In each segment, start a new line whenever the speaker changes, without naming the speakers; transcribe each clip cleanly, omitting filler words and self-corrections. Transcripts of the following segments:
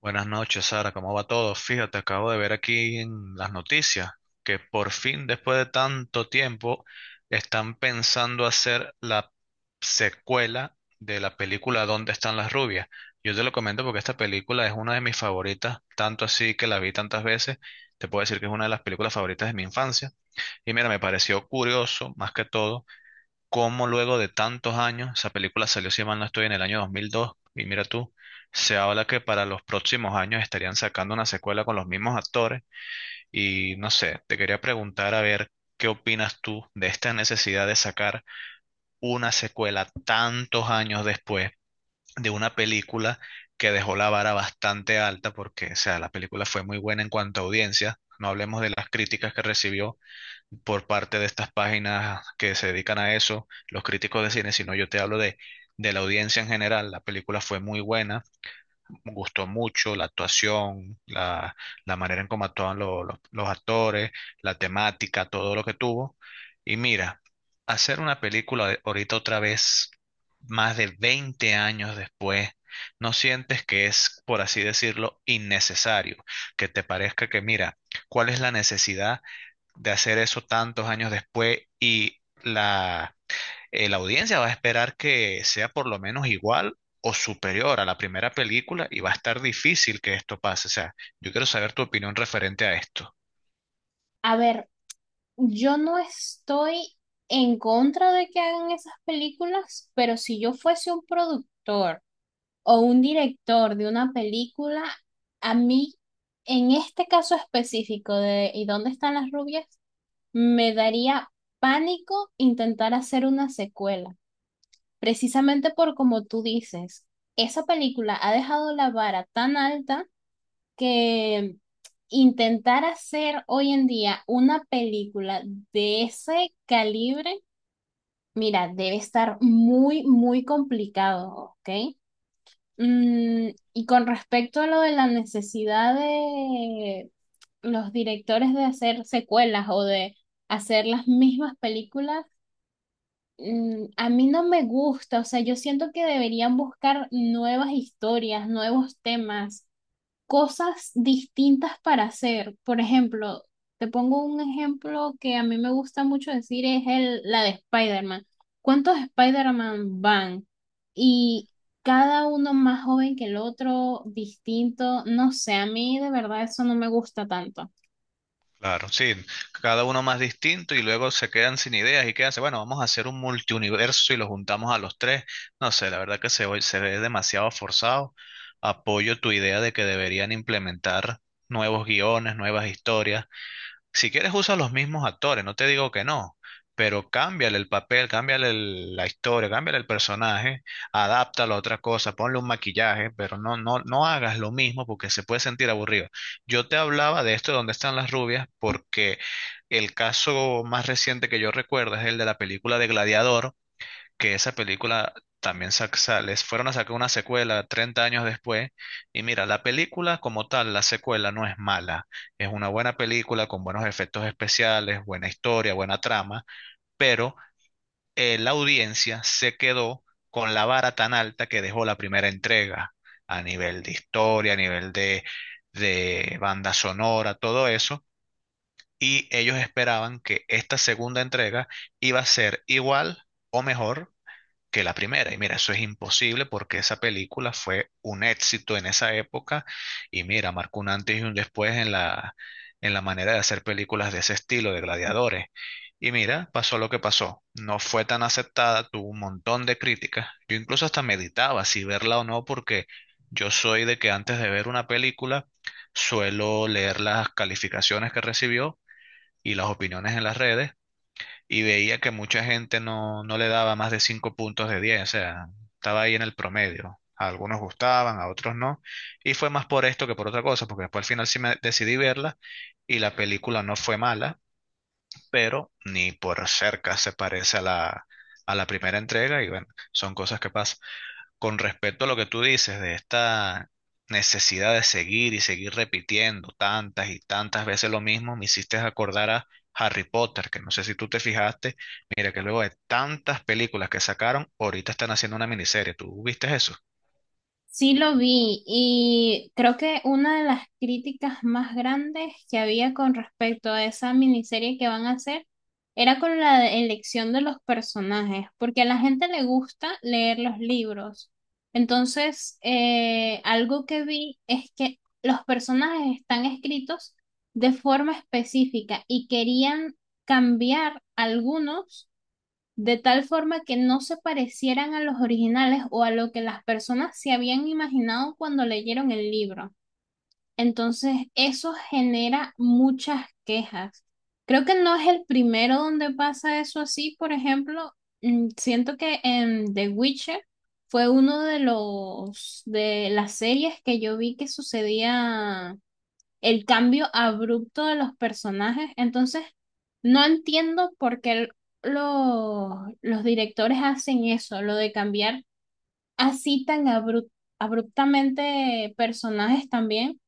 Buenas noches, Sara. ¿Cómo va todo? Fíjate, acabo de ver aquí en las noticias que por fin, después de tanto tiempo, están pensando hacer la secuela de la película ¿Dónde están las rubias? Yo te lo comento porque esta película es una de mis favoritas, tanto así que la vi tantas veces. Te puedo decir que es una de las películas favoritas de mi infancia. Y mira, me pareció curioso, más que todo cómo luego de tantos años, esa película salió, si mal no estoy, en el año 2002, y mira tú, se habla que para los próximos años estarían sacando una secuela con los mismos actores, y no sé, te quería preguntar a ver qué opinas tú de esta necesidad de sacar una secuela tantos años después de una película que dejó la vara bastante alta, porque, o sea, la película fue muy buena en cuanto a audiencia, no hablemos de las críticas que recibió, por parte de estas páginas que se dedican a eso, los críticos de cine, sino yo te hablo de la audiencia en general. La película fue muy buena, me gustó mucho la actuación, la manera en cómo actuaban los actores, la temática, todo lo que tuvo. Y mira, hacer una película ahorita otra vez, más de 20 años después, ¿no sientes que es, por así decirlo, innecesario? Que te parezca que, mira, ¿cuál es la necesidad de hacer eso tantos años después y la audiencia va a esperar que sea por lo menos igual o superior a la primera película y va a estar difícil que esto pase? O sea, yo quiero saber tu opinión referente a esto.
A ver, yo no estoy en contra de que hagan esas películas, pero si yo fuese un productor o un director de una película, a mí, en este caso específico de ¿Y dónde están las rubias? Me daría pánico intentar hacer una secuela, precisamente por como tú dices, esa película ha dejado la vara tan alta que intentar hacer hoy en día una película de ese calibre, mira, debe estar muy, muy complicado, ¿ok? Y con respecto a lo de la necesidad de los directores de hacer secuelas o de hacer las mismas películas, a mí no me gusta, o sea, yo siento que deberían buscar nuevas historias, nuevos temas, cosas distintas para hacer. Por ejemplo, te pongo un ejemplo que a mí me gusta mucho decir, es el, la de Spider-Man. ¿Cuántos Spider-Man van? Y cada uno más joven que el otro, distinto. No sé, a mí de verdad eso no me gusta tanto.
Claro, sí, cada uno más distinto y luego se quedan sin ideas y quedan, bueno, vamos a hacer un multiuniverso y lo juntamos a los tres. No sé, la verdad que se ve demasiado forzado. Apoyo tu idea de que deberían implementar nuevos guiones, nuevas historias. Si quieres usa los mismos actores, no te digo que no, pero cámbiale el papel, cámbiale la historia, cámbiale el personaje, adáptalo a otra cosa, ponle un maquillaje, pero no hagas lo mismo porque se puede sentir aburrido. Yo te hablaba de esto de dónde están las rubias porque el caso más reciente que yo recuerdo es el de la película de Gladiador, que esa película también les fueron a sacar una secuela 30 años después. Y mira, la película como tal, la secuela no es mala. Es una buena película con buenos efectos especiales, buena historia, buena trama, pero la audiencia se quedó con la vara tan alta que dejó la primera entrega a nivel de historia, a nivel de banda sonora, todo eso. Y ellos esperaban que esta segunda entrega iba a ser igual o mejor que la primera. Y mira, eso es imposible porque esa película fue un éxito en esa época y mira, marcó un antes y un después en en la manera de hacer películas de ese estilo, de gladiadores. Y mira, pasó lo que pasó. No fue tan aceptada, tuvo un montón de críticas. Yo incluso hasta meditaba si verla o no porque yo soy de que antes de ver una película suelo leer las calificaciones que recibió y las opiniones en las redes y veía que mucha gente no le daba más de 5 puntos de diez, o sea, estaba ahí en el promedio. A algunos gustaban, a otros no. Y fue más por esto que por otra cosa, porque después al final sí me decidí verla y la película no fue mala, pero ni por cerca se parece a a la primera entrega y bueno, son cosas que pasan. Con respecto a lo que tú dices de esta necesidad de seguir y seguir repitiendo tantas y tantas veces lo mismo, me hiciste acordar a Harry Potter, que no sé si tú te fijaste, mira que luego de tantas películas que sacaron, ahorita están haciendo una miniserie. ¿Tú viste eso?
Sí lo vi y creo que una de las críticas más grandes que había con respecto a esa miniserie que van a hacer era con la elección de los personajes, porque a la gente le gusta leer los libros. Entonces, algo que vi es que los personajes están escritos de forma específica y querían cambiar algunos de tal forma que no se parecieran a los originales o a lo que las personas se habían imaginado cuando leyeron el libro. Entonces, eso genera muchas quejas. Creo que no es el primero donde pasa eso así, por ejemplo, siento que en The Witcher fue uno de los de las series que yo vi que sucedía el cambio abrupto de los personajes. Entonces, no entiendo por qué los directores hacen eso, lo de cambiar así tan abruptamente personajes también,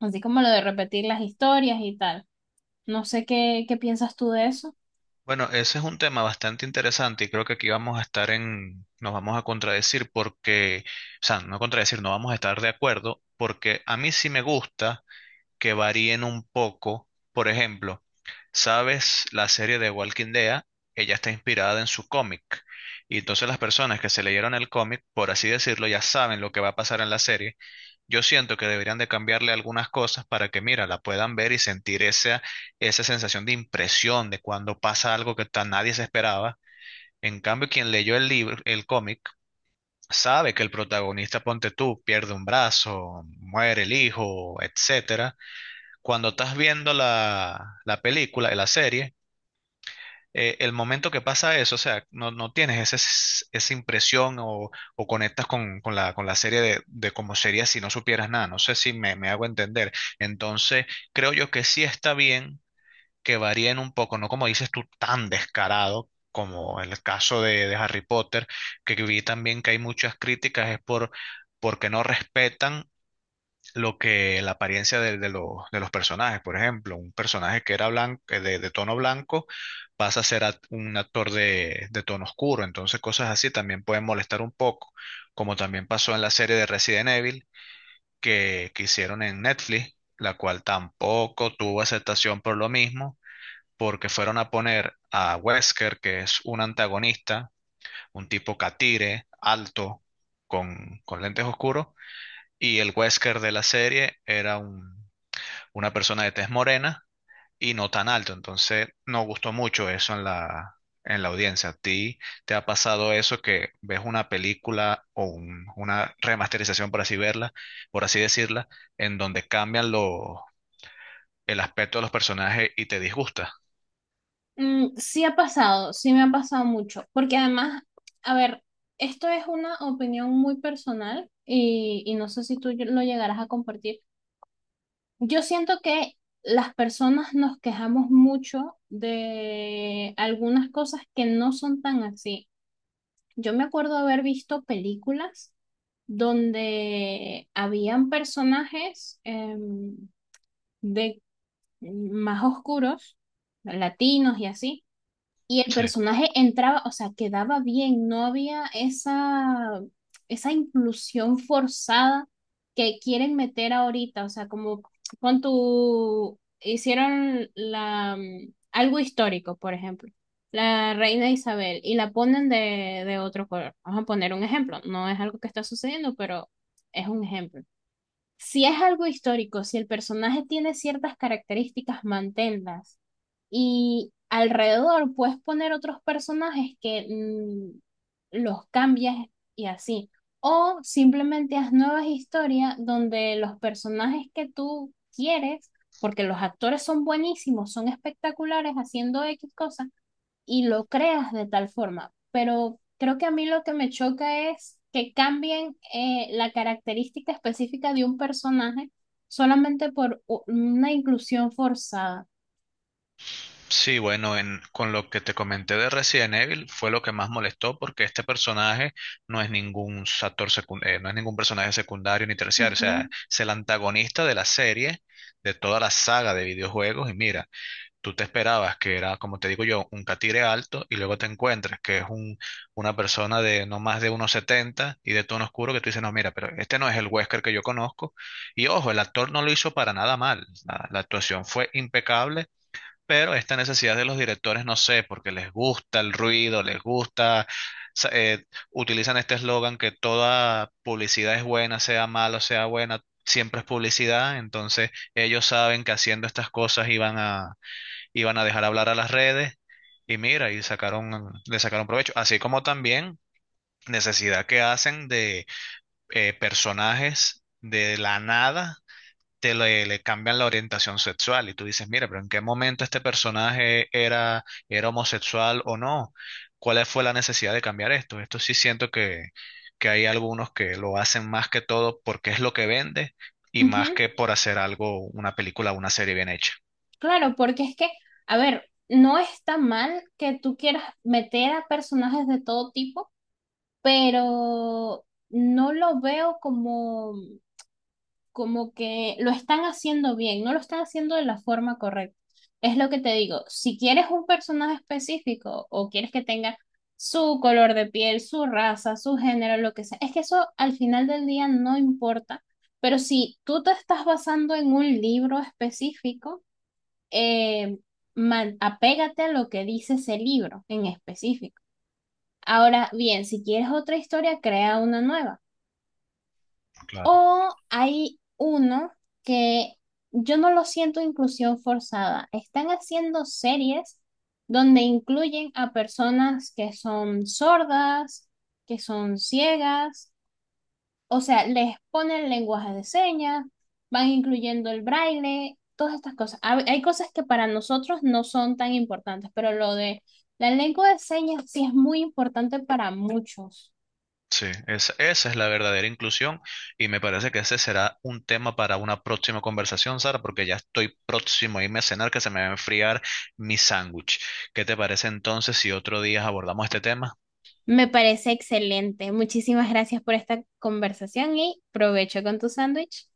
así como lo de repetir las historias y tal. No sé qué piensas tú de eso.
Bueno, ese es un tema bastante interesante y creo que aquí vamos a estar nos vamos a contradecir porque, o sea, no contradecir, no vamos a estar de acuerdo porque a mí sí me gusta que varíen un poco, por ejemplo. ¿Sabes? La serie de Walking Dead, ella está inspirada en su cómic. Y entonces las personas que se leyeron el cómic, por así decirlo, ya saben lo que va a pasar en la serie. Yo siento que deberían de cambiarle algunas cosas para que, mira, la puedan ver y sentir esa, esa sensación de impresión de cuando pasa algo que tan nadie se esperaba. En cambio, quien leyó el libro, el cómic, sabe que el protagonista, ponte tú, pierde un brazo, muere el hijo, etcétera. Cuando estás viendo la película, la serie, el momento que pasa eso, o sea, no tienes ese, esa impresión o conectas con la serie de cómo sería si no supieras nada. No sé si me hago entender. Entonces, creo yo que sí está bien que varíen un poco, no como dices tú, tan descarado, como el caso de Harry Potter, que vi también que hay muchas críticas, es por porque no respetan lo que la apariencia de de los personajes. Por ejemplo, un personaje que era blanco, de tono blanco pasa a ser un actor de tono oscuro. Entonces, cosas así también pueden molestar un poco, como también pasó en la serie de Resident Evil que hicieron en Netflix, la cual tampoco tuvo aceptación por lo mismo, porque fueron a poner a Wesker, que es un antagonista, un tipo catire, alto, con lentes oscuros. Y el Wesker de la serie era un, una persona de tez morena y no tan alto. Entonces, no gustó mucho eso en en la audiencia. ¿A ti te ha pasado eso que ves una película o una remasterización, por así verla, por así decirla, en donde cambian el aspecto de los personajes y te disgusta?
Sí ha pasado, sí me ha pasado mucho, porque además, a ver, esto es una opinión muy personal y no sé si tú lo llegarás a compartir. Yo siento que las personas nos quejamos mucho de algunas cosas que no son tan así. Yo me acuerdo haber visto películas donde habían personajes de más oscuros, latinos y así, y el personaje entraba, o sea, quedaba bien, no había esa inclusión forzada que quieren meter ahorita, o sea, como con tu, hicieron la, algo histórico, por ejemplo, la reina Isabel, y la ponen de otro color. Vamos a poner un ejemplo, no es algo que está sucediendo, pero es un ejemplo. Si es algo histórico, si el personaje tiene ciertas características, manténlas y alrededor puedes poner otros personajes que los cambias y así. O simplemente haz nuevas historias donde los personajes que tú quieres, porque los actores son buenísimos, son espectaculares haciendo X cosas, y lo creas de tal forma. Pero creo que a mí lo que me choca es que cambien la característica específica de un personaje solamente por una inclusión forzada.
Sí, bueno, con lo que te comenté de Resident Evil fue lo que más molestó porque este personaje no es ningún no es ningún personaje secundario ni terciario, o sea,
Ujú,
es el antagonista de la serie, de toda la saga de videojuegos y mira, tú te esperabas que era, como te digo yo, un catire alto y luego te encuentras que es un, una persona de no más de 1,70 y de tono oscuro que tú dices, no, mira, pero este no es el Wesker que yo conozco. Y ojo, el actor no lo hizo para nada mal, la actuación fue impecable, pero esta necesidad de los directores, no sé, porque les gusta el ruido, les gusta, sa- eh, utilizan este eslogan que toda publicidad es buena, sea mala o sea buena, siempre es publicidad. Entonces ellos saben que haciendo estas cosas iban a dejar hablar a las redes y mira, y sacaron, le sacaron provecho, así como también necesidad que hacen de personajes de la nada le cambian la orientación sexual y tú dices, mira, pero ¿en qué momento este personaje era homosexual o no? ¿Cuál fue la necesidad de cambiar esto? Esto sí siento que hay algunos que lo hacen más que todo porque es lo que vende y más
ujú.
que por hacer algo, una película o una serie bien hecha.
Claro, porque es a ver, no está mal que tú quieras meter a personajes de todo tipo, pero no lo veo como que lo están haciendo bien, no lo están haciendo de la forma correcta. Es lo que te digo, si quieres un personaje específico o quieres que tenga su color de piel, su raza, su género, lo que sea, es que eso al final del día no importa, pero si tú te estás basando en un libro específico, eh, apégate a lo que dice ese libro en específico. Ahora bien, si quieres otra historia, crea una nueva.
Claro.
O hay uno que yo no lo siento inclusión forzada. Están haciendo series donde incluyen a personas que son sordas, que son ciegas, o sea, les ponen lenguaje de señas, van incluyendo el braille, todas estas cosas. Hay cosas que para nosotros no son tan importantes, pero lo de la lengua de señas sí es muy importante para muchos.
Sí, esa es la verdadera inclusión y me parece que ese será un tema para una próxima conversación, Sara, porque ya estoy próximo a irme a cenar que se me va a enfriar mi sándwich. ¿Qué te parece entonces si otro día abordamos este tema?
Me parece excelente. Muchísimas gracias por esta conversación y provecho con tu sándwich.